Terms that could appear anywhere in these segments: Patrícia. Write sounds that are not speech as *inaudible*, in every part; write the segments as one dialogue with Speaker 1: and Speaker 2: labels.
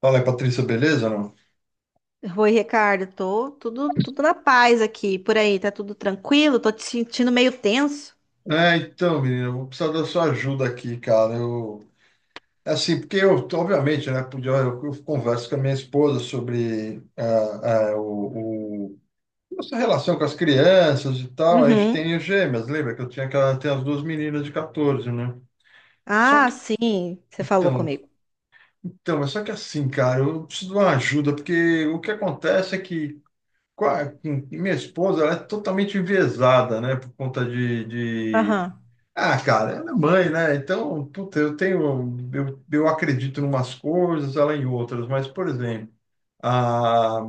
Speaker 1: Fala, Patrícia, beleza, não?
Speaker 2: Oi, Ricardo, tô tudo na paz aqui. Por aí, tá tudo tranquilo? Tô te sentindo meio tenso.
Speaker 1: Menina, eu vou precisar da sua ajuda aqui, cara. É assim, porque eu, obviamente, né, eu converso com a minha esposa sobre nossa relação com as crianças e tal. A gente
Speaker 2: Uhum.
Speaker 1: tem gêmeas, lembra que eu tinha aquela, tem as duas meninas de 14, né? Só
Speaker 2: Ah,
Speaker 1: que,
Speaker 2: sim, você falou
Speaker 1: então,
Speaker 2: comigo.
Speaker 1: então, mas só que assim, cara, eu preciso de uma ajuda, porque o que acontece é que com minha esposa, ela é totalmente enviesada, né, por conta de,
Speaker 2: Aham.
Speaker 1: Ah, cara, ela é mãe, né? Então, puta, eu acredito em umas coisas, ela em outras, mas, por exemplo, a,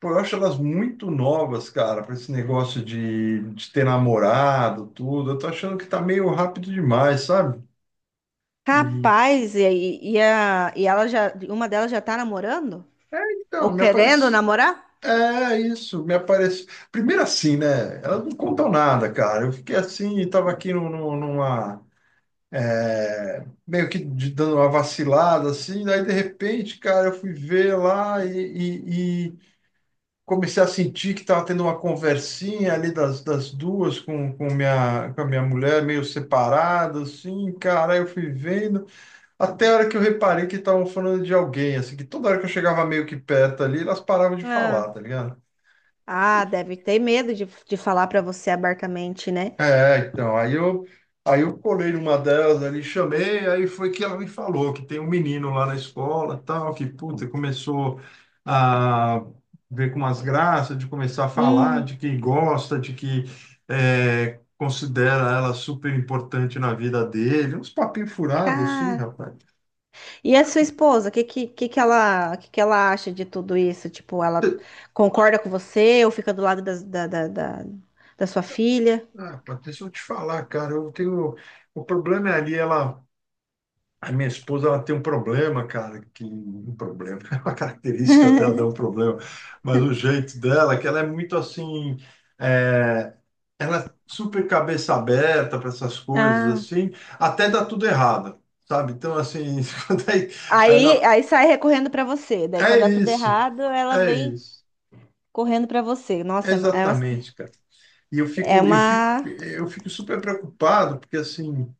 Speaker 1: pô, eu acho elas muito novas, cara, para esse negócio de ter namorado, tudo. Eu tô achando que tá meio rápido demais, sabe? E,
Speaker 2: Capaz, e ela já, uma delas já tá namorando? Ou
Speaker 1: me
Speaker 2: querendo
Speaker 1: aparece.
Speaker 2: namorar?
Speaker 1: É isso, me aparece. Primeiro assim, né? Elas não contam nada, cara. Eu fiquei assim, tava aqui no, no, numa, meio que dando uma vacilada, assim, daí de repente, cara, eu fui ver lá e comecei a sentir que estava tendo uma conversinha ali das duas com a minha mulher, meio separado, assim, cara, aí eu fui vendo, até a hora que eu reparei que estavam falando de alguém, assim, que toda hora que eu chegava meio que perto ali, elas paravam de falar,
Speaker 2: Ah,
Speaker 1: tá ligado?
Speaker 2: Ah, deve ter medo de falar pra você abertamente, né?
Speaker 1: É, então, aí eu, aí eu colei numa delas ali, chamei, aí foi que ela me falou que tem um menino lá na escola, tal, que, puta, começou a ver com umas graças, de começar a falar,
Speaker 2: Hum.
Speaker 1: de que gosta, de que considera ela super importante na vida dele, uns papinhos furados, assim, rapaz.
Speaker 2: E a sua esposa, o que que ela acha de tudo isso? Tipo, ela concorda com você ou fica do lado da da sua filha?
Speaker 1: Ah, rapaz, deixa eu te falar, cara, eu tenho... O problema é ali, ela... A minha esposa, ela tem um problema, cara, que um problema, *laughs* é uma característica dela, dá um problema, mas o jeito dela é que ela é muito assim, é, ela é super cabeça aberta para essas coisas
Speaker 2: Ah.
Speaker 1: assim, até dá tudo errado, sabe? Então, assim, *laughs* quando é, é,
Speaker 2: Aí,
Speaker 1: não,
Speaker 2: aí sai recorrendo pra você. Daí,
Speaker 1: é
Speaker 2: quando dá tudo
Speaker 1: isso,
Speaker 2: errado, ela
Speaker 1: é
Speaker 2: vem
Speaker 1: isso,
Speaker 2: correndo pra você.
Speaker 1: é
Speaker 2: Nossa, é uma.
Speaker 1: exatamente, cara. E
Speaker 2: É uma...
Speaker 1: eu fico super preocupado, porque assim,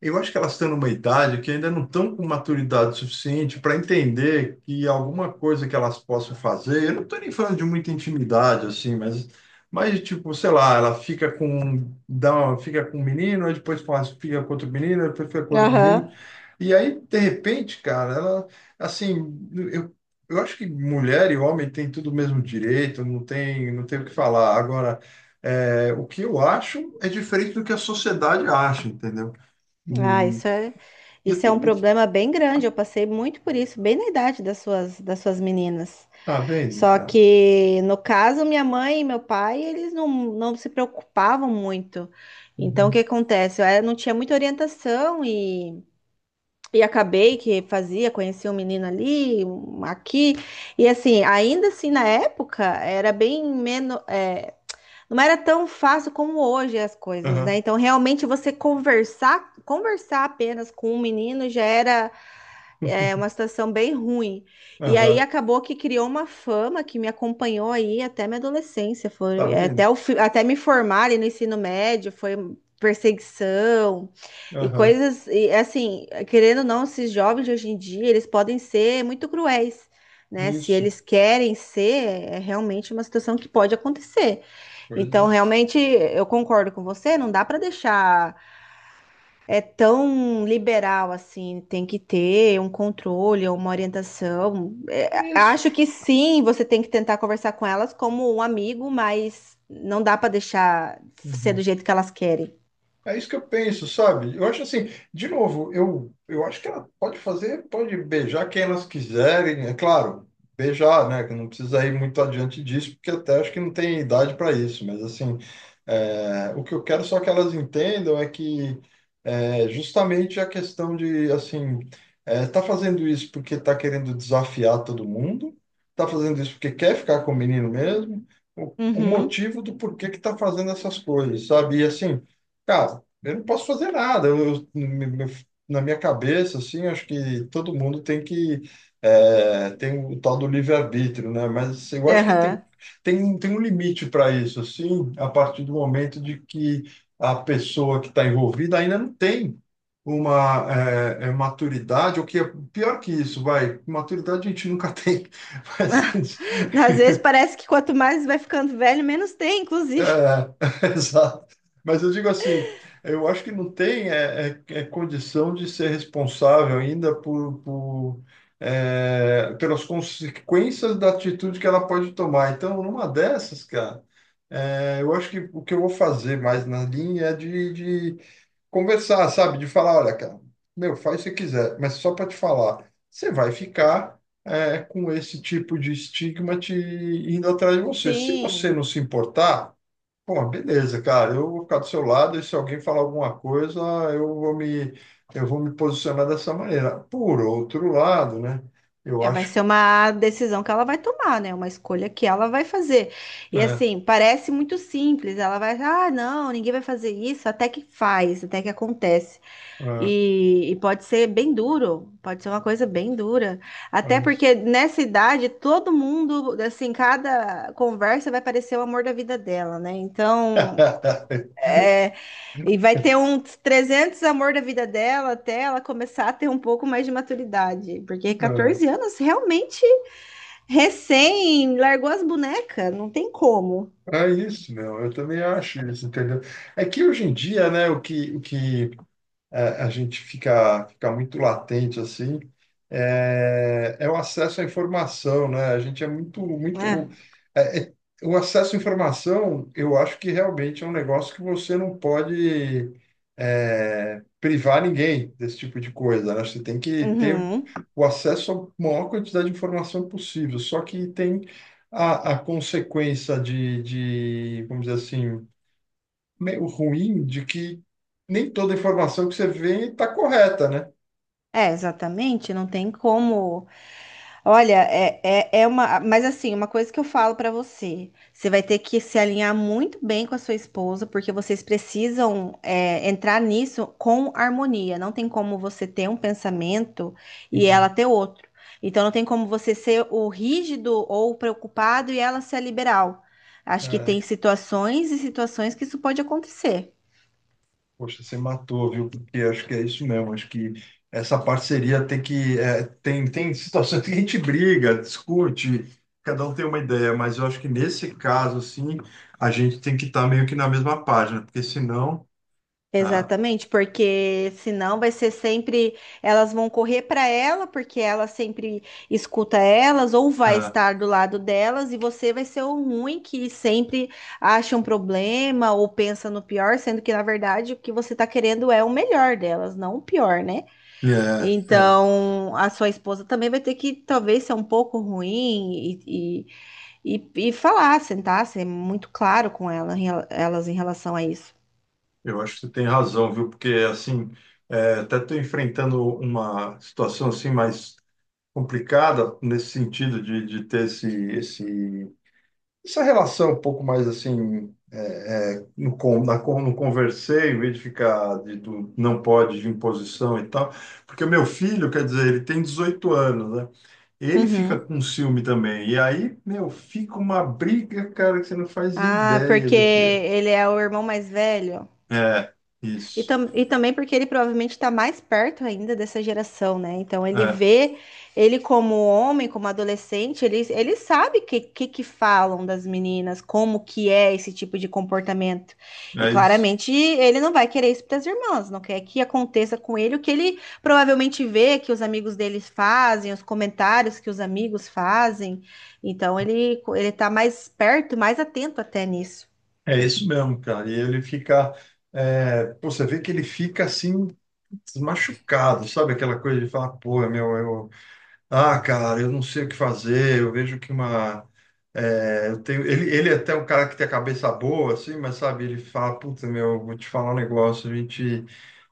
Speaker 1: eu acho que elas estão numa idade que ainda não estão com maturidade suficiente para entender que alguma coisa que elas possam fazer, eu não estou nem falando de muita intimidade, assim, mas tipo, sei lá, ela fica com, um, fica com um menino, aí depois fica com outro menino, aí depois fica com outro menino.
Speaker 2: Aham.
Speaker 1: E aí, de repente, cara, assim, eu, eu acho que mulher e homem têm tudo o mesmo direito, não tem, não tem o que falar. Agora, o que eu acho é diferente do que a sociedade acha, entendeu?
Speaker 2: Ah, isso é,
Speaker 1: Ia
Speaker 2: isso é
Speaker 1: ter
Speaker 2: um
Speaker 1: muito.
Speaker 2: problema bem grande. Eu passei muito por isso, bem na idade das suas meninas.
Speaker 1: Tá vendo,
Speaker 2: Só
Speaker 1: cara?
Speaker 2: que, no caso, minha mãe e meu pai, eles não se preocupavam muito. Então, o que
Speaker 1: Uhum.
Speaker 2: acontece? Eu era- não tinha muita orientação e acabei que fazia, conheci um menino ali, um aqui. E assim, ainda assim, na época, era bem menos. Não era tão fácil como hoje as coisas, né?
Speaker 1: Aham.
Speaker 2: Então, realmente, você conversar apenas com um menino já era é uma
Speaker 1: *laughs*
Speaker 2: situação bem ruim. E aí
Speaker 1: Aham.
Speaker 2: acabou que criou uma fama que me acompanhou aí até minha adolescência.
Speaker 1: Tá
Speaker 2: Foi, é,
Speaker 1: vendo?
Speaker 2: até, o, fi- até me formar ali no ensino médio, foi perseguição e
Speaker 1: Aham.
Speaker 2: coisas. E assim, querendo ou não, esses jovens de hoje em dia, eles podem ser muito cruéis. Né? Se
Speaker 1: Isso.
Speaker 2: eles querem ser, é realmente uma situação que pode acontecer.
Speaker 1: Pois
Speaker 2: Então,
Speaker 1: é.
Speaker 2: realmente, eu concordo com você, não dá para deixar é tão liberal assim, tem que ter um controle, uma orientação. É,
Speaker 1: Isso.
Speaker 2: acho que sim, você tem que tentar conversar com elas como um amigo, mas não dá para deixar ser do
Speaker 1: Uhum.
Speaker 2: jeito que elas querem.
Speaker 1: É isso que eu penso, sabe? Eu acho assim, de novo, eu acho que ela pode fazer, pode beijar quem elas quiserem, é claro, beijar, né? Que não precisa ir muito adiante disso, porque até acho que não tem idade para isso, mas assim, o que eu quero só que elas entendam é justamente a questão de, assim, tá fazendo isso porque tá querendo desafiar todo mundo, tá fazendo isso porque quer ficar com o menino mesmo, o
Speaker 2: Uhum.
Speaker 1: motivo do porquê que tá fazendo essas coisas, sabe? E assim, cara, eu não posso fazer nada. Na minha cabeça, assim, acho que todo mundo tem que, tem o tal do livre-arbítrio, né? Mas assim, eu acho que
Speaker 2: Aham.
Speaker 1: tem um limite para isso, assim, a partir do momento de que a pessoa que está envolvida ainda não tem uma, maturidade, ou que é pior que isso, vai, maturidade a gente nunca tem, *laughs* mas
Speaker 2: Às vezes parece que quanto mais vai ficando velho, menos tem, inclusive.
Speaker 1: é, *laughs* exato. Mas eu digo assim, eu acho que não tem é condição de ser responsável ainda por, pelas consequências da atitude que ela pode tomar. Então, numa dessas, cara, eu acho que o que eu vou fazer mais na linha é de conversar, sabe? De falar, olha, cara, meu, faz o que você quiser, mas só para te falar, você vai ficar, com esse tipo de estigma te indo atrás de
Speaker 2: *laughs*
Speaker 1: você. Se você não
Speaker 2: Sim,
Speaker 1: se importar, pô, beleza, cara. Eu vou ficar do seu lado e se alguém falar alguma coisa, eu vou me, eu vou me posicionar dessa maneira. Por outro lado, né? Eu
Speaker 2: é, vai
Speaker 1: acho,
Speaker 2: ser uma decisão que ela vai tomar, né? Uma escolha que ela vai fazer. E
Speaker 1: né?
Speaker 2: assim, parece muito simples. Ela vai, ah, não, ninguém vai fazer isso, até que faz, até que acontece.
Speaker 1: ah,
Speaker 2: E pode ser bem duro, pode ser uma coisa bem dura. Até
Speaker 1: mas-
Speaker 2: porque nessa idade, todo mundo, assim, cada conversa vai parecer o amor da vida dela, né? Então,
Speaker 1: Ah,
Speaker 2: é, e vai ter uns 300 amor da vida dela até ela começar a ter um pouco mais de maturidade. Porque
Speaker 1: *laughs* É
Speaker 2: 14 anos, realmente, recém, largou as bonecas, não tem como.
Speaker 1: é isso, meu. Eu também acho isso, entendeu? É que hoje em dia, né? O que a gente fica, fica muito latente assim, é o acesso à informação, né? A gente é muito,
Speaker 2: É,
Speaker 1: muito, é- é- o acesso à informação, eu acho que realmente é um negócio que você não pode, privar ninguém desse tipo de coisa, né? Você tem que ter
Speaker 2: uhum.
Speaker 1: o acesso à maior quantidade de informação possível. Só que tem a consequência de, vamos dizer assim, meio ruim de que nem toda informação que você vê está correta, né?
Speaker 2: É, exatamente, não tem como. Olha, é uma. Mas assim, uma coisa que eu falo pra você: você vai ter que se alinhar muito bem com a sua esposa, porque vocês precisam, é, entrar nisso com harmonia. Não tem como você ter um pensamento e ela
Speaker 1: Uhum.
Speaker 2: ter outro. Então, não tem como você ser o rígido ou o preocupado e ela ser a liberal. Acho que
Speaker 1: É,
Speaker 2: tem situações e situações que isso pode acontecer.
Speaker 1: poxa, você matou, viu? Porque acho que é isso mesmo. Acho que essa parceria tem que, tem, tem situações que a gente briga, discute, cada um tem uma ideia, mas eu acho que nesse caso, assim, a gente tem que estar meio que na mesma página, porque senão. Ah,
Speaker 2: Exatamente, porque senão vai ser sempre elas vão correr para ela, porque ela sempre escuta elas, ou vai
Speaker 1: ah,
Speaker 2: estar do lado delas, e você vai ser o ruim que sempre acha um problema ou pensa no pior, sendo que na verdade o que você está querendo é o melhor delas, não o pior, né?
Speaker 1: é, é,
Speaker 2: Então a sua esposa também vai ter que talvez ser um pouco ruim e falar, sentar, ser muito claro com ela, em rela- elas em relação a isso.
Speaker 1: eu acho que você tem razão, viu? Porque, assim, até estou enfrentando uma situação assim mais complicada nesse sentido de ter esse, essa relação um pouco mais assim, no conversei, em vez de ficar de, do não pode de imposição e tal, porque o meu filho, quer dizer, ele tem 18 anos, né? Ele fica
Speaker 2: Uhum.
Speaker 1: com ciúme também. E aí, meu, fica uma briga, cara, que você não faz
Speaker 2: Ah,
Speaker 1: ideia
Speaker 2: porque
Speaker 1: do que é.
Speaker 2: ele é o irmão mais velho.
Speaker 1: É,
Speaker 2: E,
Speaker 1: isso.
Speaker 2: tam e também porque ele provavelmente está mais perto ainda dessa geração, né? Então ele
Speaker 1: É,
Speaker 2: vê ele como homem, como adolescente, ele sabe o que que falam das meninas, como que é esse tipo de comportamento. E
Speaker 1: é isso.
Speaker 2: claramente ele não vai querer isso para as irmãs, não quer que aconteça com ele o que ele provavelmente vê que os amigos deles fazem, os comentários que os amigos fazem. Então ele tá mais perto, mais atento até nisso.
Speaker 1: É isso mesmo, cara. E ele fica, pô, você vê que ele fica assim, machucado, sabe? Aquela coisa de falar, pô, meu, eu, ah, cara, eu não sei o que fazer, eu vejo que uma, ele é até um cara que tem a cabeça boa, assim, mas sabe, ele fala, puta, meu, vou te falar um negócio, a gente,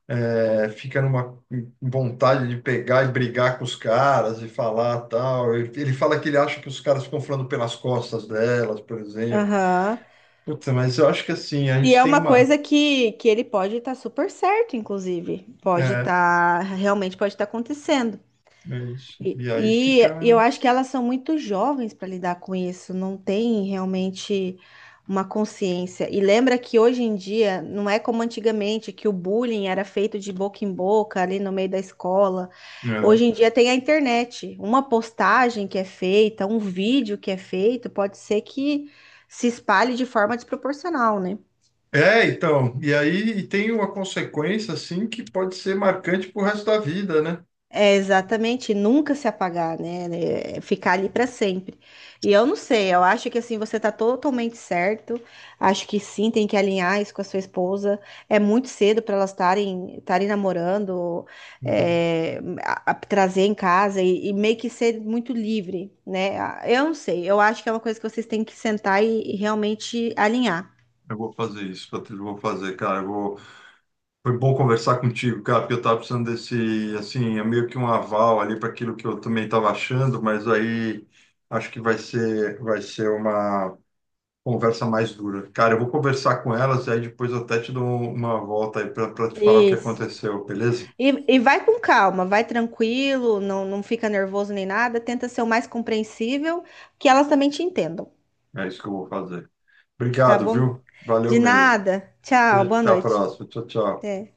Speaker 1: fica numa vontade de pegar e brigar com os caras e falar tal. Ele fala que ele acha que os caras ficam falando pelas costas delas, por exemplo.
Speaker 2: Aham.
Speaker 1: Puta, mas eu acho que assim, a
Speaker 2: E
Speaker 1: gente
Speaker 2: é
Speaker 1: tem
Speaker 2: uma
Speaker 1: uma.
Speaker 2: coisa que ele pode estar super certo, inclusive. Pode
Speaker 1: É,
Speaker 2: estar, realmente pode estar acontecendo.
Speaker 1: é isso. E aí fica,
Speaker 2: E, e eu acho que elas são muito jovens para lidar com isso, não tem realmente uma consciência. E lembra que hoje em dia não é como antigamente, que o bullying era feito de boca em boca ali no meio da escola.
Speaker 1: né?
Speaker 2: Hoje em dia tem a internet. Uma postagem que é feita, um vídeo que é feito, pode ser que se espalhe de forma desproporcional, né?
Speaker 1: É, então, e aí e tem uma consequência assim que pode ser marcante pro resto da vida, né?
Speaker 2: É exatamente, nunca se apagar, né? É. Ficar ali para sempre. E eu não sei, eu acho que assim você tá totalmente certo. Acho que sim, tem que alinhar isso com a sua esposa. É muito cedo para elas estarem namorando,
Speaker 1: Uhum.
Speaker 2: é, a- trazer em casa e meio que ser muito livre, né? Ah, eu não sei, eu acho que é uma coisa que vocês têm que sentar e realmente alinhar.
Speaker 1: Eu vou fazer isso, Patrícia, eu vou fazer, cara. Eu vou... Foi bom conversar contigo, cara, porque eu tava precisando desse, assim, é meio que um aval ali para aquilo que eu também estava achando, mas aí acho que vai ser uma conversa mais dura. Cara, eu vou conversar com elas e aí depois eu até te dou uma volta aí para te falar o que
Speaker 2: Isso.
Speaker 1: aconteceu, beleza?
Speaker 2: E vai com calma, vai tranquilo, não fica nervoso nem nada, tenta ser o mais compreensível, que elas também te entendam,
Speaker 1: É isso que eu vou fazer.
Speaker 2: tá
Speaker 1: Obrigado,
Speaker 2: bom?
Speaker 1: viu? Valeu
Speaker 2: De
Speaker 1: mesmo.
Speaker 2: nada. Tchau,
Speaker 1: Beijo,
Speaker 2: boa
Speaker 1: até a
Speaker 2: noite.
Speaker 1: próxima. Tchau, tchau.
Speaker 2: Até.